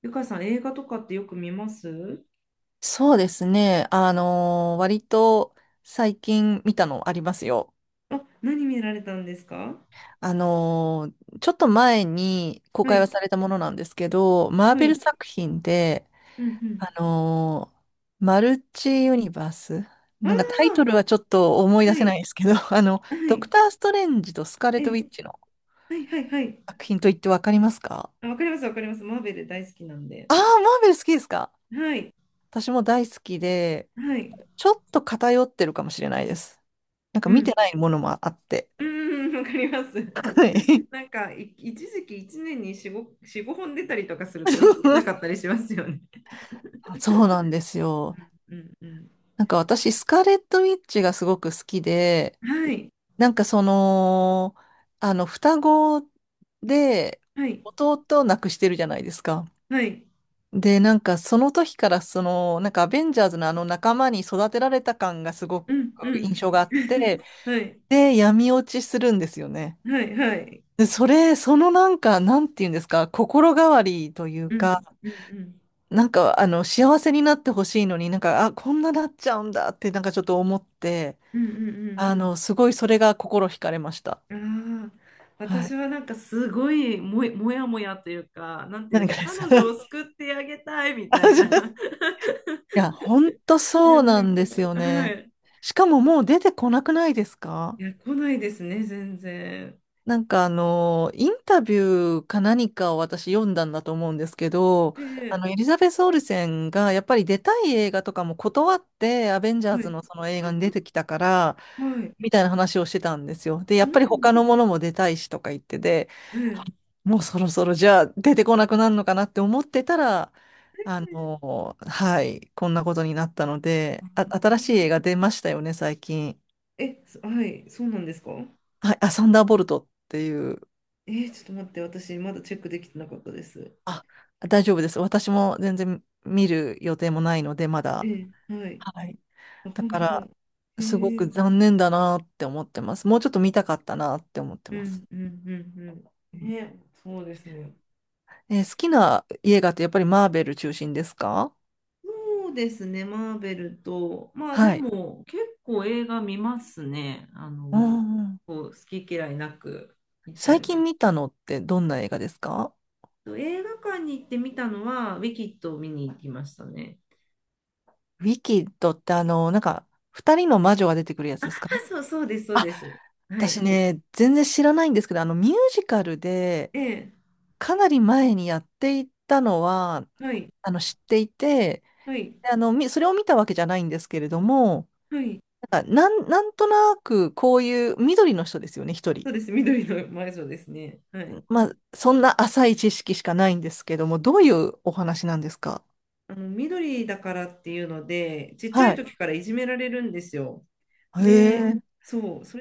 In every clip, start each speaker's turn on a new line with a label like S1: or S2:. S1: ゆかさん、映画とかってよく見ます？
S2: そうですね。割と最近見たのありますよ。
S1: あ、何見られたんですか？
S2: ちょっと前に公
S1: は
S2: 開
S1: い、
S2: はされたものなんですけど、マー
S1: は
S2: ベル
S1: い、
S2: 作品で、
S1: うん、うん。
S2: あのーマルチユニバース。
S1: あ
S2: なんかタイトルは
S1: あ、
S2: ちょっと思い出
S1: は
S2: せな
S1: い、
S2: いですけど、
S1: は
S2: ドク
S1: い、
S2: ター・ストレンジとスカーレッ
S1: ええ、
S2: ト・ウィッチの
S1: はい、はい、はい。
S2: 作品といってわかりますか？
S1: あ、わかります、わかります。マーベル大好きなんで。
S2: ああー、マーベル好きですか？
S1: はい、
S2: 私も大好きで、
S1: はい、
S2: ちょっと偏ってるかもしれないです。なんか
S1: う
S2: 見て
S1: ん、
S2: ないものもあって。
S1: うん、うん、わかります。
S2: はい。
S1: なんか、一時期一年に4、5、4、5本出たりとかすると追いつけなかったりしますよね。
S2: そうなんですよ。
S1: うん、うん。
S2: なんか私、スカーレット・ウィッチがすごく好きで、
S1: はい、
S2: なんかその、双子で
S1: はい、
S2: 弟を亡くしてるじゃないですか。
S1: はい、
S2: で、なんかその時からその、なんかアベンジャーズのあの仲間に育てられた感がすごく
S1: うん、う
S2: 印
S1: ん。
S2: 象があっ て、
S1: はい、
S2: で、闇落ちするんですよね。
S1: はい、はい。
S2: で、それ、そのなんか、なんていうんですか、心変わりという
S1: うん、
S2: か、
S1: うん、うん、
S2: なんか、幸せになってほしいのに、なんか、あ、こんななっちゃうんだって、なんかちょっと思って、
S1: うん、うん、うん。
S2: すごいそれが心惹かれました。
S1: ああ、
S2: は
S1: 私
S2: い。
S1: はなんかすごいもやもやもやというか、なんて言うんで
S2: 何
S1: しょう、
S2: かで
S1: 彼
S2: す。
S1: 女を 救ってあげたいみ
S2: あ
S1: たい
S2: じゃあ。
S1: な。
S2: いや、ほんと
S1: いや、
S2: そう
S1: な
S2: な
S1: ん
S2: ん
S1: か、
S2: ですよ
S1: は
S2: ね。
S1: い。
S2: しかももう出てこなくないです
S1: い
S2: か？
S1: や、来ないですね、全然。
S2: なんかインタビューか何かを私読んだんだと思うんですけど、
S1: ええ、
S2: エリザベス・オルセンがやっぱり出たい映画とかも断って、アベンジャー
S1: は
S2: ズ
S1: い。
S2: のその映画に出てきたから、
S1: あ、はい。
S2: みたいな話をしてたんですよ。で、
S1: そ
S2: やっ
S1: う
S2: ぱ
S1: な
S2: り
S1: んで
S2: 他
S1: す
S2: の
S1: ね。
S2: ものも出たいしとか言ってて、
S1: ええ、
S2: もうそろそろじゃあ出てこなくなるのかなって思ってたら、はい、こんなことになったので、あ、
S1: あ、
S2: 新
S1: そう、
S2: しい映画出ましたよね、最近。
S1: え、はい、そうなんですか？
S2: はい、あ、サンダーボルトっていう。
S1: えー、ちょっと待って、私、まだチェックできてなかったです。
S2: あ、大丈夫です。私も全然見る予定もないので、ま
S1: え
S2: だ。
S1: え、はい。
S2: はい。
S1: あ、
S2: だ
S1: 本
S2: か
S1: 当だ。
S2: ら、
S1: え
S2: すご
S1: え、う
S2: く
S1: ん、
S2: 残念だなって思ってます。もうちょっと見たかったなって思って
S1: う
S2: ます。
S1: ん、うん、うん。
S2: う
S1: え
S2: ん。
S1: え、そうですね。
S2: 好きな映画ってやっぱりマーベル中心ですか？
S1: そうですね、マーベルと、まあで
S2: はい。
S1: も結構映画見ますね、あ
S2: う
S1: の、
S2: んうん。
S1: こう好き嫌いなく見ちゃい
S2: 最
S1: ま
S2: 近
S1: す。
S2: 見たのってどんな映画ですか？
S1: と、映画館に行って見たのは、ウィキッドを見に行きましたね。
S2: ウィキッドってなんか、二人の魔女が出てくるやつ
S1: あ、
S2: ですか？
S1: そう、そうです、そう
S2: あ、
S1: です。は
S2: 私
S1: い。
S2: ね、全然知らないんですけど、ミュージカルで、
S1: ええ、
S2: かなり前にやっていたのは、
S1: はい、
S2: 知っていて、
S1: はい、
S2: でそれを見たわけじゃないんですけれども、
S1: はい。
S2: なんか、なんとなくこういう緑の人ですよね、一
S1: そ
S2: 人。
S1: うです、緑の魔女ですね。はい。
S2: まあ、そんな浅い知識しかないんですけども、どういうお話なんですか？
S1: あの、緑だからっていうので、ちっちゃい
S2: はい。
S1: 時からいじめられるんですよ。
S2: へ
S1: で、
S2: え。
S1: そう、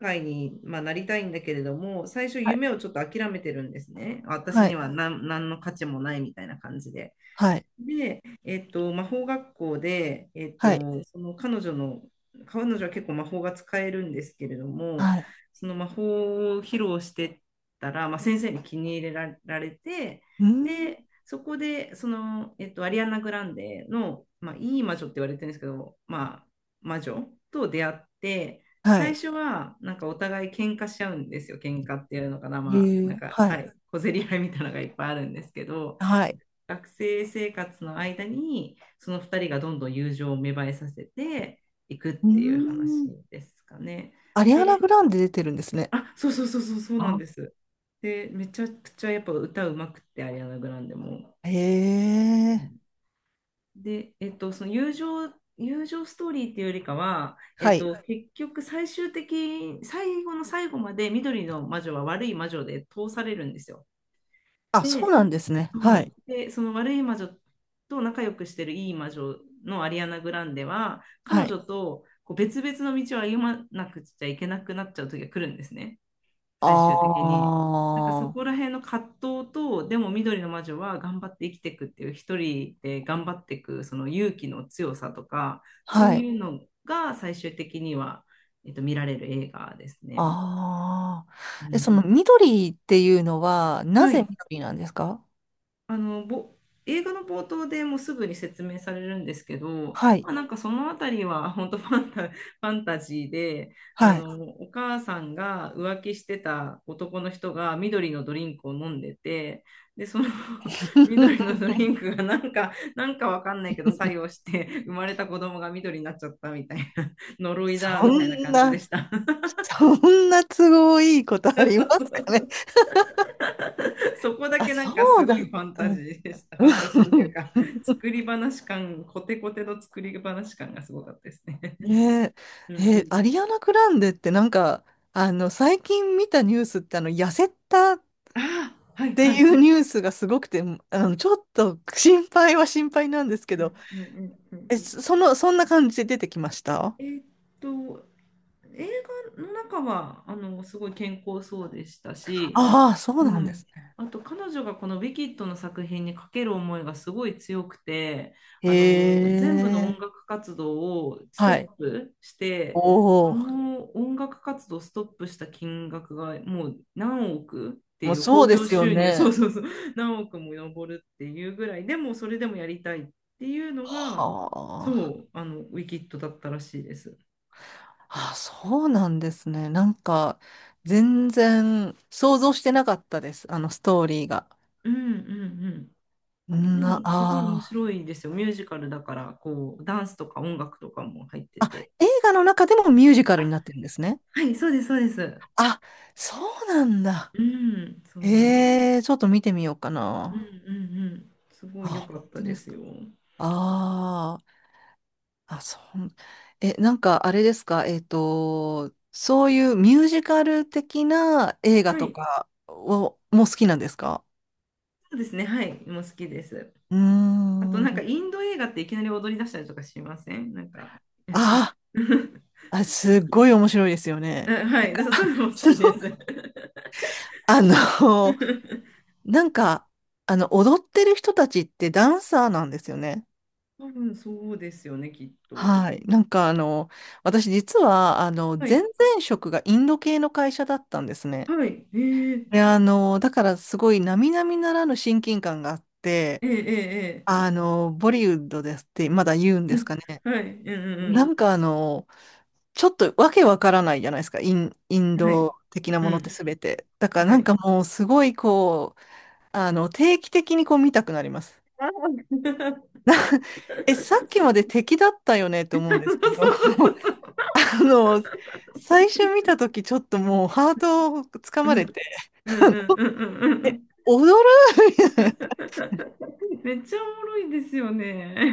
S1: 界に、まあ、なりたいんだけれども、最初
S2: はい。
S1: 夢をちょっと諦めてるんですね。私
S2: は
S1: に
S2: い。
S1: は何の価値もないみたいな感じで。
S2: はい。
S1: で、魔法学校で、
S2: はい。
S1: その彼女の、彼女は結構魔法が使えるんですけれども、
S2: はい。
S1: その魔法を披露してたら、まあ、先生に気に入れらられて、
S2: うーん。
S1: で、そこで、その、アリアナ・グランデの、まあ、いい魔女って言われてるんですけど、まあ、魔女と出会って、
S2: は
S1: 最
S2: い。
S1: 初は、なんかお互い喧嘩しちゃうんですよ。喧嘩っていうのかな、まあ、
S2: へ
S1: なん
S2: え。
S1: か、
S2: は
S1: は
S2: い。
S1: い、小競り合いみたいなのがいっぱいあるんですけど、
S2: はい。
S1: 学生生活の間に、その2人がどんどん友情を芽生えさせていくっ
S2: うー
S1: ていう話
S2: ん。
S1: ですかね。
S2: アリアナ・
S1: で、
S2: グランデ出てるんですね。
S1: あ、そうそうそうそうそうなんで
S2: あ。
S1: す。で、めちゃくちゃやっぱ歌うまくって、アリアナ・グランデも。
S2: へ
S1: う
S2: え。
S1: ん。で、その友情ストーリーっていうよりかは、
S2: はい。
S1: 結局最終的、最後の最後まで緑の魔女は悪い魔女で通されるんですよ。
S2: あ、そう
S1: で、
S2: なんですね。はい。
S1: そうで、その悪い魔女と仲良くしてるいい魔女のアリアナ・グランデは、彼
S2: はい。
S1: 女とこう別々の道を歩まなくちゃいけなくなっちゃう時が来るんですね、最終的に。なんかそ
S2: あ
S1: こら
S2: あ、
S1: 辺の葛藤と、でも緑の魔女は頑張って生きていくっていう、一人で頑張っていくその勇気の強さとか、そう
S2: はい。
S1: いうのが最終的には、見られる映画ですね。
S2: ああ。
S1: う
S2: え、そ
S1: ん、
S2: の緑っていうのは、な
S1: は
S2: ぜ
S1: い。
S2: 緑なんですか？
S1: あの、映画の冒頭でもうすぐに説明されるんですけど、
S2: はい。
S1: まあ、なんかそのあたりは 本当ファンタジーで、あ
S2: はい。
S1: の、お母さんが浮気してた男の人が緑のドリンクを飲んでて、で、その 緑の ドリンクがなんか、なんかわかんないけど作用して生まれた子供が緑になっちゃったみたいな、呪いだ
S2: そ
S1: みたいな
S2: ん
S1: 感じで
S2: な、
S1: した。
S2: そんな都合いいことあり
S1: そ
S2: ま
S1: うそ
S2: すかね。
S1: う。 そこだ
S2: あ、
S1: けなんか
S2: そ
S1: す
S2: う
S1: ご
S2: だ
S1: い
S2: っ
S1: ファン
S2: た。
S1: タ
S2: う
S1: ジ
S2: ん。
S1: ーでした。ファンタジーっていうか、作り話感、コテコテの作り話感がすごかったですね。
S2: ね
S1: う
S2: え、
S1: ん、
S2: え、アリアナ・グランデってなんか、最近見たニュースって、痩せた
S1: ああ、は
S2: っ
S1: い、
S2: て
S1: は
S2: い
S1: い。
S2: うニュースがすごくて、ちょっと心配は心配なんですけ
S1: うん、
S2: ど、
S1: うん、うん、うん、
S2: え、その、そんな感じで出てきました？
S1: えーっと、映画の中はあのすごい健康そうでしたし、
S2: ああ、そう
S1: う
S2: なんで
S1: ん。
S2: すね。
S1: あと彼女がこの「ウィキッド」の作品にかける思いがすごい強くて、あの
S2: へ
S1: 全部の
S2: え。
S1: 音楽活動をストッ
S2: はい。
S1: プし
S2: お
S1: て、そ
S2: お、
S1: の音楽活動をストップした金額がもう何億って
S2: も
S1: い
S2: う
S1: う
S2: そ
S1: 興
S2: うで
S1: 行
S2: すよ
S1: 収入、そう
S2: ね。
S1: そうそう、何億も上るっていうぐらい、でもそれでもやりたいっていうのが、
S2: は
S1: そ
S2: あ、
S1: う、あのウィキッドだったらしいです。
S2: あ、そうなんですね。なんか、全然想像してなかったです。あのストーリーが。
S1: うん、うん。でもすごい面
S2: ああ。
S1: 白いですよ。ミュージカルだから、こう、ダンスとか音楽とかも入って
S2: あ、
S1: て。
S2: 映画の中でもミュージカルになってるんですね。
S1: はい、そうです、そうです。
S2: あ、そうなんだ。
S1: うん、そうなんです。
S2: ええ、ちょっと見てみようか
S1: うん、う
S2: な。
S1: ん、うん。すご
S2: あ、
S1: い良か
S2: 本
S1: った
S2: 当
S1: で
S2: です
S1: す
S2: か？
S1: よ。
S2: ああ、あ、そう。え、なんかあれですか、そういうミュージカル的な映画
S1: は
S2: と
S1: い、
S2: かを、もう好きなんですか？
S1: そうですね。はい、もう好きです。
S2: う
S1: あと、
S2: ー
S1: なんか
S2: ん。
S1: インド映画っていきなり踊り出したりとかしません？なんか。
S2: あ あ、
S1: い
S2: すっごい面白いですよ
S1: あ、
S2: ね。
S1: はい、だからそういうのも好
S2: そ
S1: き
S2: の
S1: です。
S2: あの、なんか、踊ってる人たちってダンサーなんですよね。
S1: 多分そうですよね、きっと。
S2: はい。なんか私実は
S1: は
S2: 前
S1: い、
S2: 々職がインド系の会社だったんですね。
S1: はい、えー、
S2: で、だからすごい並々ならぬ親近感があって、
S1: えー、え
S2: ボリウッドですってまだ言うんです
S1: ー、
S2: かね。
S1: えー、はい、うん、
S2: な
S1: う
S2: んかちょっとわけわからないじゃないですか。イン
S1: ん、うん。はい、
S2: ド的な
S1: う
S2: ものって
S1: ん。
S2: すべて。だから
S1: は
S2: なん
S1: い。
S2: かもうすごいこう、定期的にこう見たくなります。
S1: あー。
S2: な え、さっきまで敵だったよねって思
S1: そ
S2: うんですけど。
S1: うそうそうそうそう。
S2: あの、最初見たとき、ちょっともうハートをつか
S1: う
S2: まれ
S1: ん、
S2: て、
S1: うん、
S2: あの
S1: うん、うん、うん、うん、うん。
S2: 踊るみたいな、
S1: めっちゃおもろいですよ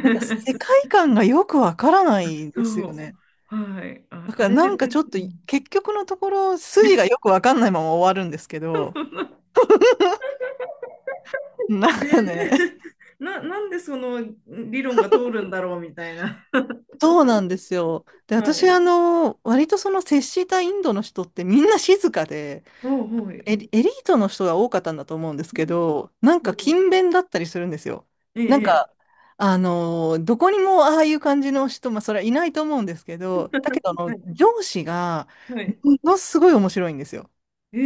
S2: なんか世界観がよくわからない
S1: そ
S2: です
S1: う。
S2: よね。
S1: はい。あ、
S2: だか
S1: あ
S2: ら
S1: れ
S2: な
S1: で、
S2: んか
S1: な
S2: ち
S1: ん
S2: ょ
S1: か
S2: っと、
S1: うん。
S2: 結局のところ、筋がよ くわかんないまま終わるんですけ
S1: そ
S2: ど、
S1: の
S2: なん
S1: ねえ、
S2: かね、
S1: なんでその理論が通るんだろうみたいな。
S2: そうなんですよ。で、
S1: は
S2: 私、
S1: い。
S2: 割とその接したインドの人ってみんな静かで、
S1: おう、はい。
S2: エリートの人が多かったんだと思うんですけ
S1: な
S2: ど、なんか
S1: るほど。
S2: 勤勉だったりするんですよ。
S1: え
S2: なん
S1: え、
S2: か、どこにもああいう感じの人、まあ、それはいないと思うんですけど、だけど、
S1: ええ、はい。
S2: 上司が、
S1: はい。
S2: ものすごい面白いんですよ。
S1: え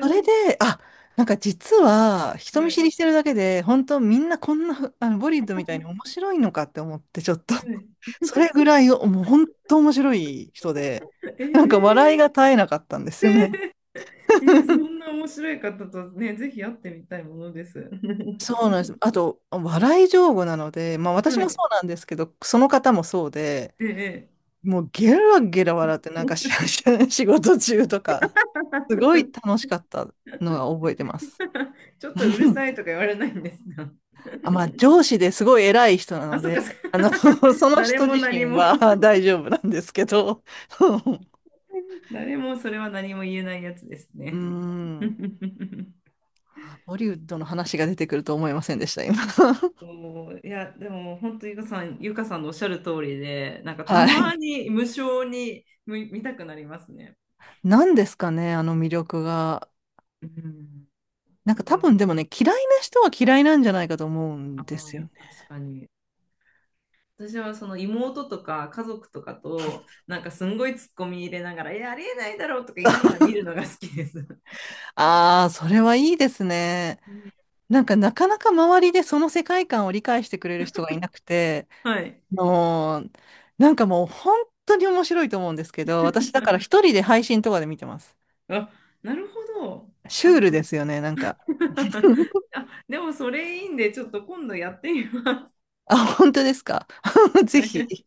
S2: それで、あ、なんか実は、人
S1: は
S2: 見
S1: い。
S2: 知りしてるだけで、本当みんなこんな、ボリッドみたいに面白いのかって思って、ちょっと
S1: はい。
S2: それぐらい、もう本当面白い人で、
S1: え
S2: なんか笑
S1: え、
S2: いが絶えなかったんですよね。
S1: えええー、そんな面白い方とね、ぜひ会ってみたいものです。
S2: そ うなんです。あと、笑い上手なので、まあ私
S1: は
S2: もそ
S1: い。
S2: うなんですけど、その方もそうで、
S1: ええ。ええ。
S2: もうゲラゲラ笑って、なんか仕事中とか、すごい楽しかったのが覚えてます。
S1: ちょっとうる さいとか言われないんですか？
S2: あ、まあ上司ですごい偉い人な
S1: あ、
S2: の
S1: そっか、
S2: で、
S1: そっか。
S2: その
S1: 誰
S2: 人
S1: も
S2: 自
S1: 何
S2: 身
S1: も。
S2: は 大丈夫なんですけど、
S1: 誰もそれは何も言えないやつです
S2: うー
S1: ね。
S2: ん、ボリウッドの話が出てくると思いませんでした、今。
S1: おー、いや、でも本当ゆかさん、ゆかさんのおっしゃる通りで、なんかた
S2: は
S1: ま
S2: い。
S1: に無性に見たくなりますね。
S2: 何ですかね、あの魅力が。
S1: うん。
S2: なん
S1: だ
S2: か
S1: か
S2: 多
S1: ら、
S2: 分でもね、嫌いな人は嫌いなんじゃないかと思う
S1: あ
S2: んで
S1: あ、
S2: すよね。
S1: 確かに。私はその妹とか家族とかとなんかすんごいツッコミ入れながら「えありえないだろ」とか言いながら見るのが好きです。
S2: ああ、それはいいですね。なんかなかなか周りでその世界観を理解してくれる人がいなくて、
S1: はい。
S2: もう、なんかもう本当に面白いと思うんですけど、私だから 一人で配信とかで見てます。
S1: あ、なるほど。
S2: シ
S1: あ、
S2: ュールですよね、なんか。
S1: あ、でもそれいいんでちょっと今度やってみます。
S2: あ、本当ですか？ぜ
S1: はい
S2: ひ。